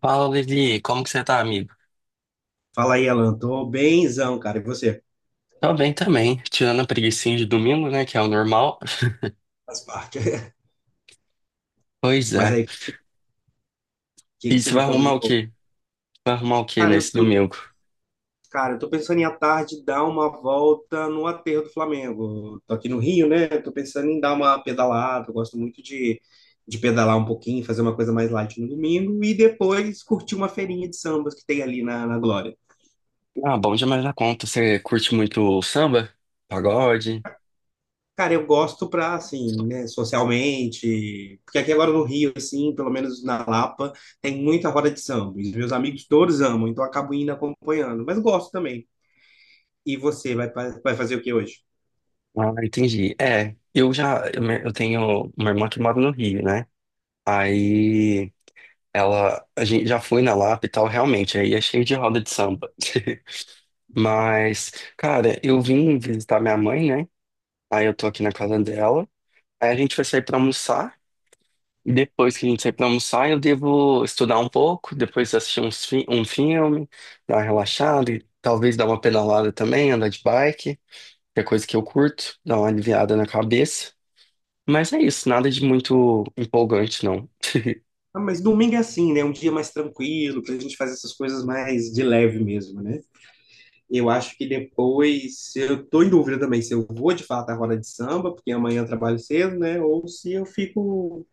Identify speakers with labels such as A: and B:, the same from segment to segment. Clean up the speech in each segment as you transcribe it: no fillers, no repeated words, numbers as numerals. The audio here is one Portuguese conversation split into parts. A: Fala, Levi, como que você tá, amigo?
B: Fala aí, Alan. Tô bemzão, cara. E você?
A: Tô bem também, tirando a preguicinha de domingo, né, que é o normal.
B: Faz parte.
A: Pois
B: Mas
A: é.
B: aí, o que que
A: E
B: você
A: você
B: me
A: vai
B: conta
A: arrumar
B: de
A: o
B: novo?
A: quê? Vai arrumar o quê
B: Cara, eu
A: nesse
B: tô,
A: domingo?
B: cara, eu tô pensando em à tarde dar uma volta no aterro do Flamengo. Tô aqui no Rio, né? Tô pensando em dar uma pedalada. Eu gosto muito de pedalar um pouquinho, fazer uma coisa mais light no domingo e depois curtir uma feirinha de sambas que tem ali na Glória.
A: Ah, bom demais da conta. Você curte muito samba? Pagode?
B: Cara, eu gosto pra, assim, né, socialmente, porque aqui agora no Rio, assim, pelo menos na Lapa, tem muita roda de samba. E os meus amigos todos amam, então eu acabo indo acompanhando, mas gosto também. E você, vai fazer o que hoje?
A: Ah, entendi. É, eu já, eu, me- Eu tenho uma irmã que mora no Rio, né? Aí, ela, a gente já foi na Lapa e tal, realmente, aí é cheio de roda de samba. Mas, cara, eu vim visitar minha mãe, né? Aí eu tô aqui na casa dela. Aí a gente vai sair pra almoçar. E depois que a gente sair pra almoçar, eu devo estudar um pouco, depois assistir um filme, dar uma relaxada e talvez dar uma pedalada também, andar de bike, que é coisa que eu curto, dar uma aliviada na cabeça. Mas é isso, nada de muito empolgante, não.
B: Ah, mas domingo é assim, né? Um dia mais tranquilo, pra gente fazer essas coisas mais de leve mesmo, né? Eu acho que depois, eu tô em dúvida também se eu vou de fato à roda de samba, porque amanhã eu trabalho cedo, né? Ou se eu fico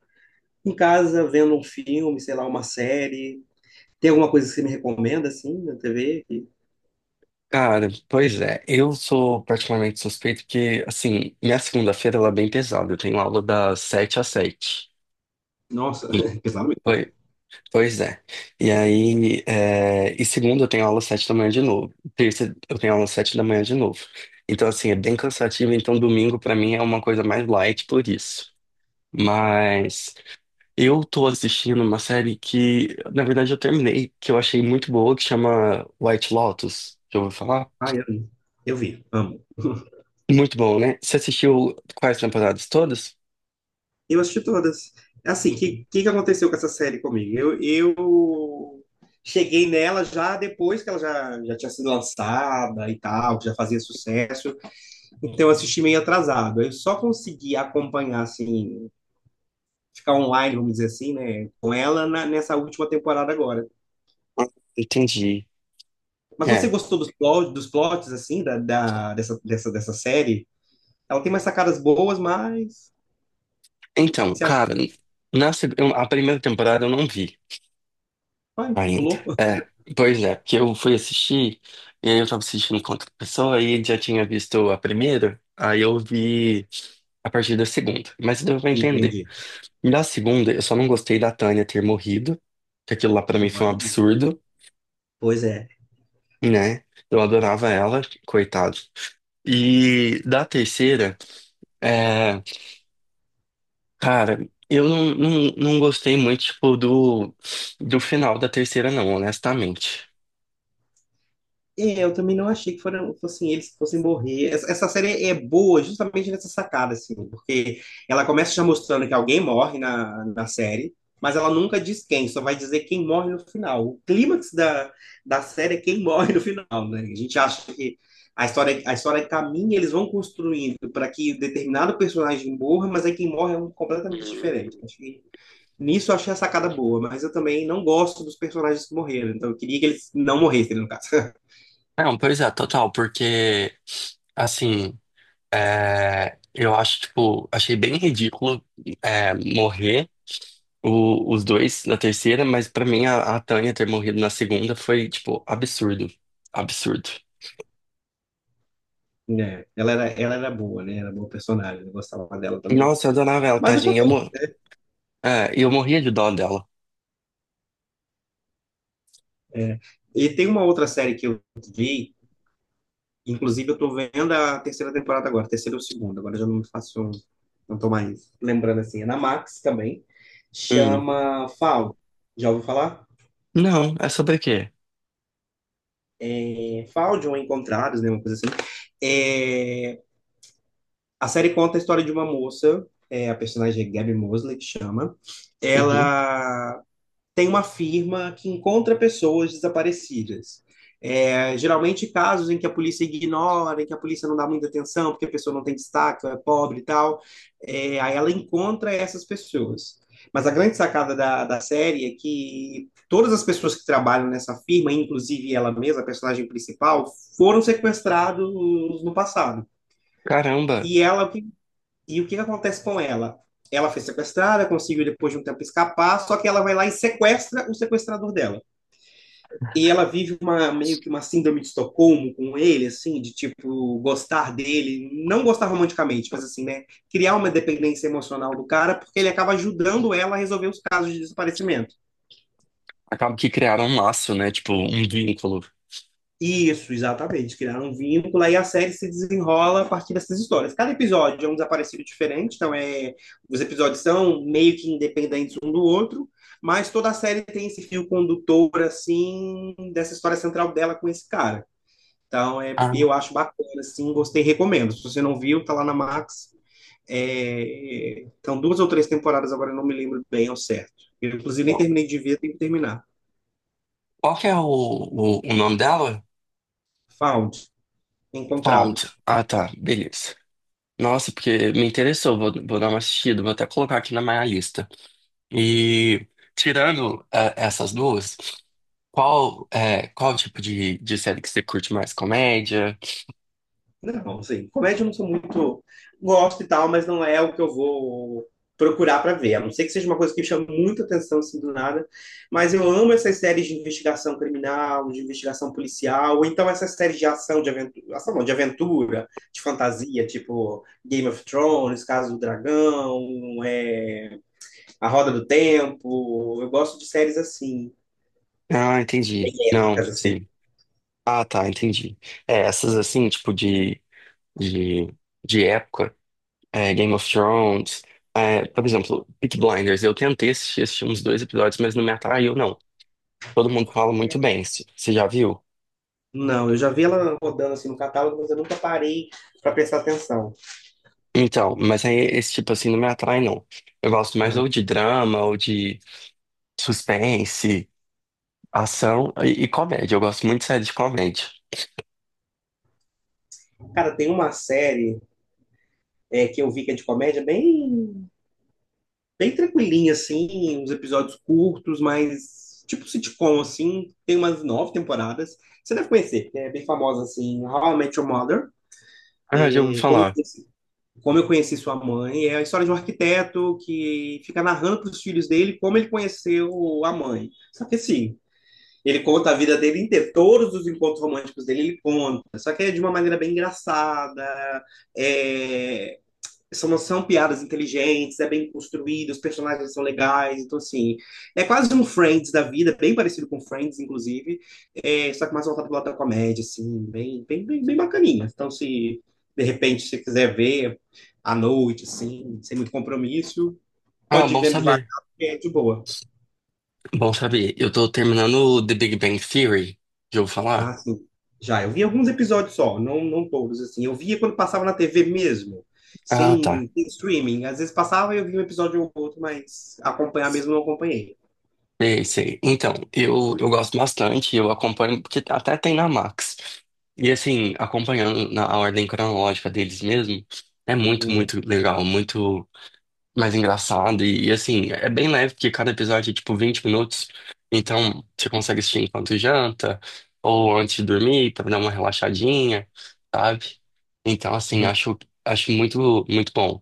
B: em casa vendo um filme, sei lá, uma série. Tem alguma coisa que você me recomenda, assim, na TV? Que-
A: Cara, pois é, eu sou particularmente suspeito porque, assim, minha segunda-feira ela é bem pesada, eu tenho aula das 7 às 7.
B: Nossa, pesado mesmo.
A: Pois é. E aí, é, e segunda eu tenho aula às 7 da manhã de novo. Terça eu tenho aula às 7 da manhã de novo. Então, assim, é bem cansativo. Então, domingo pra mim é uma coisa mais light por isso. Mas eu tô assistindo uma série que, na verdade, eu terminei, que eu achei muito boa, que chama White Lotus. Já ouviu falar?
B: Ai, eu vi, amo.
A: Muito bom, né? Você assistiu quais temporadas todas?
B: Eu assisti todas. Assim, o
A: Sim.
B: que aconteceu com essa série comigo? Eu cheguei nela já depois que ela já tinha sido lançada e tal, que já fazia sucesso. Então eu assisti meio atrasado. Eu só consegui acompanhar, assim, ficar online, vamos dizer assim, né, com ela nessa última temporada agora.
A: Ah, entendi.
B: Mas você
A: É.
B: gostou dos plots, assim, dessa série? Ela tem umas sacadas boas, mas. O que,
A: Então,
B: que você
A: cara,
B: achou?
A: a primeira temporada eu não vi
B: Vai,
A: ainda.
B: pulou?
A: É, pois é, porque eu fui assistir, e aí eu tava assistindo com outra pessoa, aí já tinha visto a primeira, aí eu vi a partir da segunda. Mas deu pra entender.
B: Entendi.
A: E da segunda, eu só não gostei da Tânia ter morrido, que aquilo lá pra mim foi um absurdo,
B: Pois é.
A: né? Eu adorava ela, coitado. E da terceira, é, cara, eu não, não, não gostei muito, tipo, do final da terceira, não, honestamente.
B: É, eu também não achei que foram, fossem eles que fossem morrer. Essa série é boa justamente nessa sacada, assim, porque ela começa já mostrando que alguém morre na série, mas ela nunca diz quem, só vai dizer quem morre no final. O clímax da série é quem morre no final, né? A gente acha que a história caminha, eles vão construindo para que determinado personagem morra, mas aí quem morre é um completamente
A: Hum.
B: diferente. Acho que Nisso eu achei a sacada boa, mas eu também não gosto dos personagens que morreram, então eu queria que eles não morressem, no caso.
A: Não, pois é, total, porque, assim, é, eu acho, tipo, achei bem ridículo, é, morrer os dois na terceira, mas pra mim a Tânia ter morrido na segunda foi, tipo, absurdo. Absurdo.
B: É, ela era boa, né? Era boa personagem, eu gostava dela também.
A: Nossa, eu adorava ela,
B: Mas
A: tadinha.
B: acontece.
A: Eu morria de dó dela.
B: É. E tem uma outra série que eu vi, inclusive eu tô vendo a terceira temporada agora, terceira ou segunda, agora eu já não me faço, não tô mais lembrando assim. É na Max também,
A: Hum.
B: chama Fall. Já ouviu falar?
A: Não, é sobre o quê?
B: É, Fall de ou Encontrados, né? Uma coisa assim. É, a série conta a história de uma moça, é, a personagem é Gabby Mosley, que chama.
A: Uhum.
B: Ela tem uma firma que encontra pessoas desaparecidas. É, geralmente casos em que a polícia ignora, em que a polícia não dá muita atenção, porque a pessoa não tem destaque, é pobre e tal. É, aí ela encontra essas pessoas. Mas a grande sacada da série é que todas as pessoas que trabalham nessa firma, inclusive ela mesma, a personagem principal, foram sequestrados no passado.
A: Caramba,
B: E ela, o que e o que que acontece com ela? Ela foi sequestrada, conseguiu depois de um tempo escapar, só que ela vai lá e sequestra o sequestrador dela. E ela vive uma meio que uma síndrome de Estocolmo com ele, assim, de tipo gostar dele, não gostar romanticamente, mas assim, né, criar uma dependência emocional do cara, porque ele acaba ajudando ela a resolver os casos de desaparecimento.
A: acaba que criaram um laço, né? Tipo, um vínculo.
B: Isso, exatamente. Criaram um vínculo aí a série se desenrola a partir dessas histórias. Cada episódio é um desaparecido diferente, então é, os episódios são meio que independentes um do outro, mas toda a série tem esse fio condutor, assim, dessa história central dela com esse cara. Então, é,
A: Ah,
B: eu acho bacana, assim, gostei, recomendo. Se você não viu, tá lá na Max. É, então, duas ou três temporadas, agora eu não me lembro bem ao certo. Eu, inclusive, nem terminei de ver, tenho que terminar.
A: qual que é o nome dela?
B: Found,
A: Found.
B: Encontrados.
A: Ah, tá, beleza. Nossa, porque me interessou, vou, vou dar uma assistida, vou até colocar aqui na minha lista. E tirando essas duas. Qual, é, qual tipo de série que você curte mais? Comédia?
B: Não, assim, comédia eu não sou muito. Gosto e tal, mas não é o que eu vou procurar para ver. A não ser que seja uma coisa que chame muita atenção assim do nada. Mas eu amo essas séries de investigação criminal, de investigação policial, ou então essas séries de ação, de aventura, ação não, de aventura, de fantasia, tipo Game of Thrones, Casa do Dragão, é, A Roda do Tempo. Eu gosto de séries assim,
A: Ah, entendi. Não,
B: dicas assim.
A: sim. Ah, tá, entendi. É, essas assim, tipo de, de época, é, Game of Thrones, é, por exemplo, Peaky Blinders. Eu tentei assistir, assisti uns dois episódios, mas não me atraiu, não. Todo mundo fala muito bem, você já viu?
B: Não, eu já vi ela rodando assim no catálogo, mas eu nunca parei para prestar atenção.
A: Então, mas aí esse tipo assim não me atrai, não. Eu gosto mais
B: Ah,
A: ou de drama, ou de suspense, ação e comédia. Eu gosto muito de série de comédia.
B: cara, tem uma série é, que eu vi que é de comédia bem, bem tranquilinha, assim, uns episódios curtos, mas tipo sitcom, assim, tem umas nove temporadas. Você deve conhecer, é bem famosa, assim, How I Met Your Mother.
A: Ah, já ouvi
B: É,
A: falar.
B: como eu conheci sua mãe, é a história de um arquiteto que fica narrando para os filhos dele como ele conheceu a mãe. Só que assim, ele conta a vida dele inteira, todos os encontros românticos dele ele conta, só que é de uma maneira bem engraçada, é, são piadas inteligentes, é bem construído, os personagens são legais, então assim, é quase um Friends da vida, bem parecido com Friends, inclusive, é, só que mais voltado pro lado da comédia, assim, bem, bem, bem, bem bacaninha. Então, se de repente você quiser ver à noite, assim, sem muito compromisso,
A: Ah,
B: pode ir
A: bom
B: vendo devagar,
A: saber.
B: porque é de boa.
A: Bom saber. Eu tô terminando o The Big Bang Theory. Já ouviu falar?
B: Ah, sim. Já, eu vi alguns episódios só, não, não todos, assim. Eu via quando passava na TV mesmo,
A: Ah, tá.
B: sem streaming. Às vezes passava e eu via um episódio ou outro, mas acompanhar mesmo não acompanhei.
A: Sei, sei. Então, eu gosto bastante, eu acompanho, porque até tem na Max. E assim, acompanhando na a ordem cronológica deles mesmo, é muito,
B: Hum.
A: muito legal, muito mais engraçado. E, assim, é bem leve, porque cada episódio é tipo 20 minutos. Então você consegue assistir enquanto janta, ou antes de dormir, pra dar uma relaxadinha, sabe? Então, assim, acho, acho muito, muito bom.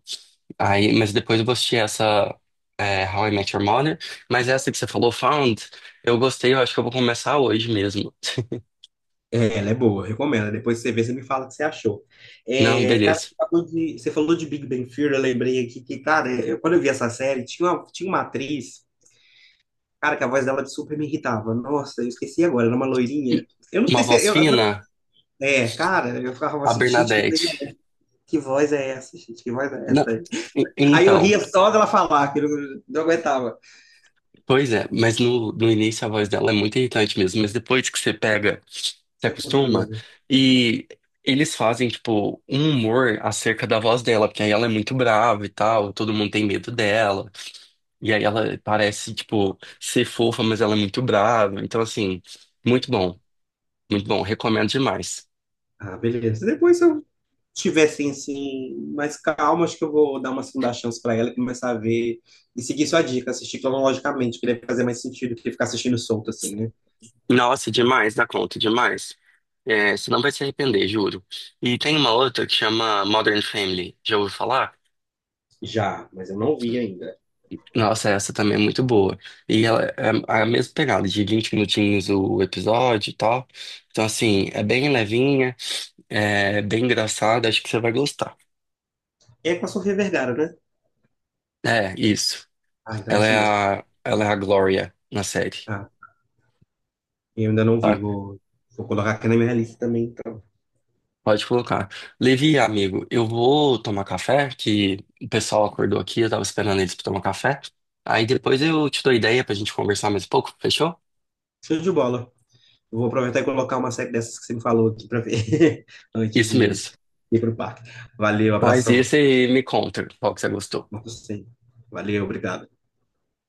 A: Aí, mas depois eu vou assistir essa é, How I Met Your Mother. Mas essa que você falou, Found, eu gostei, eu acho que eu vou começar hoje mesmo.
B: É, ela é boa, eu recomendo. Depois você vê, você me fala o que você achou.
A: Não,
B: É, cara,
A: beleza.
B: você falou de Big Bang Theory, eu lembrei aqui que, cara, quando eu vi essa série, tinha uma atriz, cara, que a voz dela super me irritava. Nossa, eu esqueci agora, era uma loirinha.
A: E
B: Eu não
A: uma
B: sei se.
A: voz
B: Eu, agora-
A: fina,
B: é, cara, eu ficava
A: a
B: assim, gente, que, voz
A: Bernadette.
B: é- que voz é essa, gente? Que voz é
A: Não,
B: essa?
A: e-
B: Aí eu
A: então.
B: ria só dela falar, que eu não aguentava.
A: Pois é, mas no início a voz dela é muito irritante mesmo, mas depois que você pega, se
B: Isso é
A: acostuma,
B: postura.
A: e eles fazem, tipo, um humor acerca da voz dela, porque aí ela é muito brava e tal, todo mundo tem medo dela, e aí ela parece, tipo, ser fofa, mas ela é muito brava, então, assim, muito bom, muito bom, recomendo demais.
B: Ah, beleza. Depois eu tivessem assim, mais calma, acho que eu vou dar uma segunda chance para ela e começar a ver e seguir sua dica, assistir cronologicamente, que deve fazer mais sentido do que ficar assistindo solto assim, né?
A: Nossa, demais, dá conta, demais. É, você não vai se arrepender, juro. E tem uma outra que chama Modern Family, já ouviu falar?
B: Já, mas eu não vi ainda.
A: Nossa, essa também é muito boa. E ela é É a mesma pegada, de 20 minutinhos o episódio e tal. Então, assim, é bem levinha, é bem engraçada, acho que você vai gostar.
B: É com a Sofia Vergara, né?
A: É, isso.
B: Ah, então é
A: Ela
B: essa
A: é
B: mesmo.
A: ela é a Glória na série,
B: Ah, eu ainda não vi,
A: tá?
B: vou colocar aqui na minha lista também, então.
A: Pode colocar. Levi, amigo, eu vou tomar café, que o pessoal acordou aqui, eu tava esperando eles pra tomar café. Aí depois eu te dou ideia pra gente conversar mais um pouco, fechou?
B: Show de bola. Eu vou aproveitar e colocar uma série dessas que você me falou aqui para ver antes
A: Isso
B: de
A: mesmo.
B: ir pro parque. Valeu,
A: Faz
B: abração.
A: isso e me conta qual que você gostou.
B: Marcos, sim. Valeu, obrigado.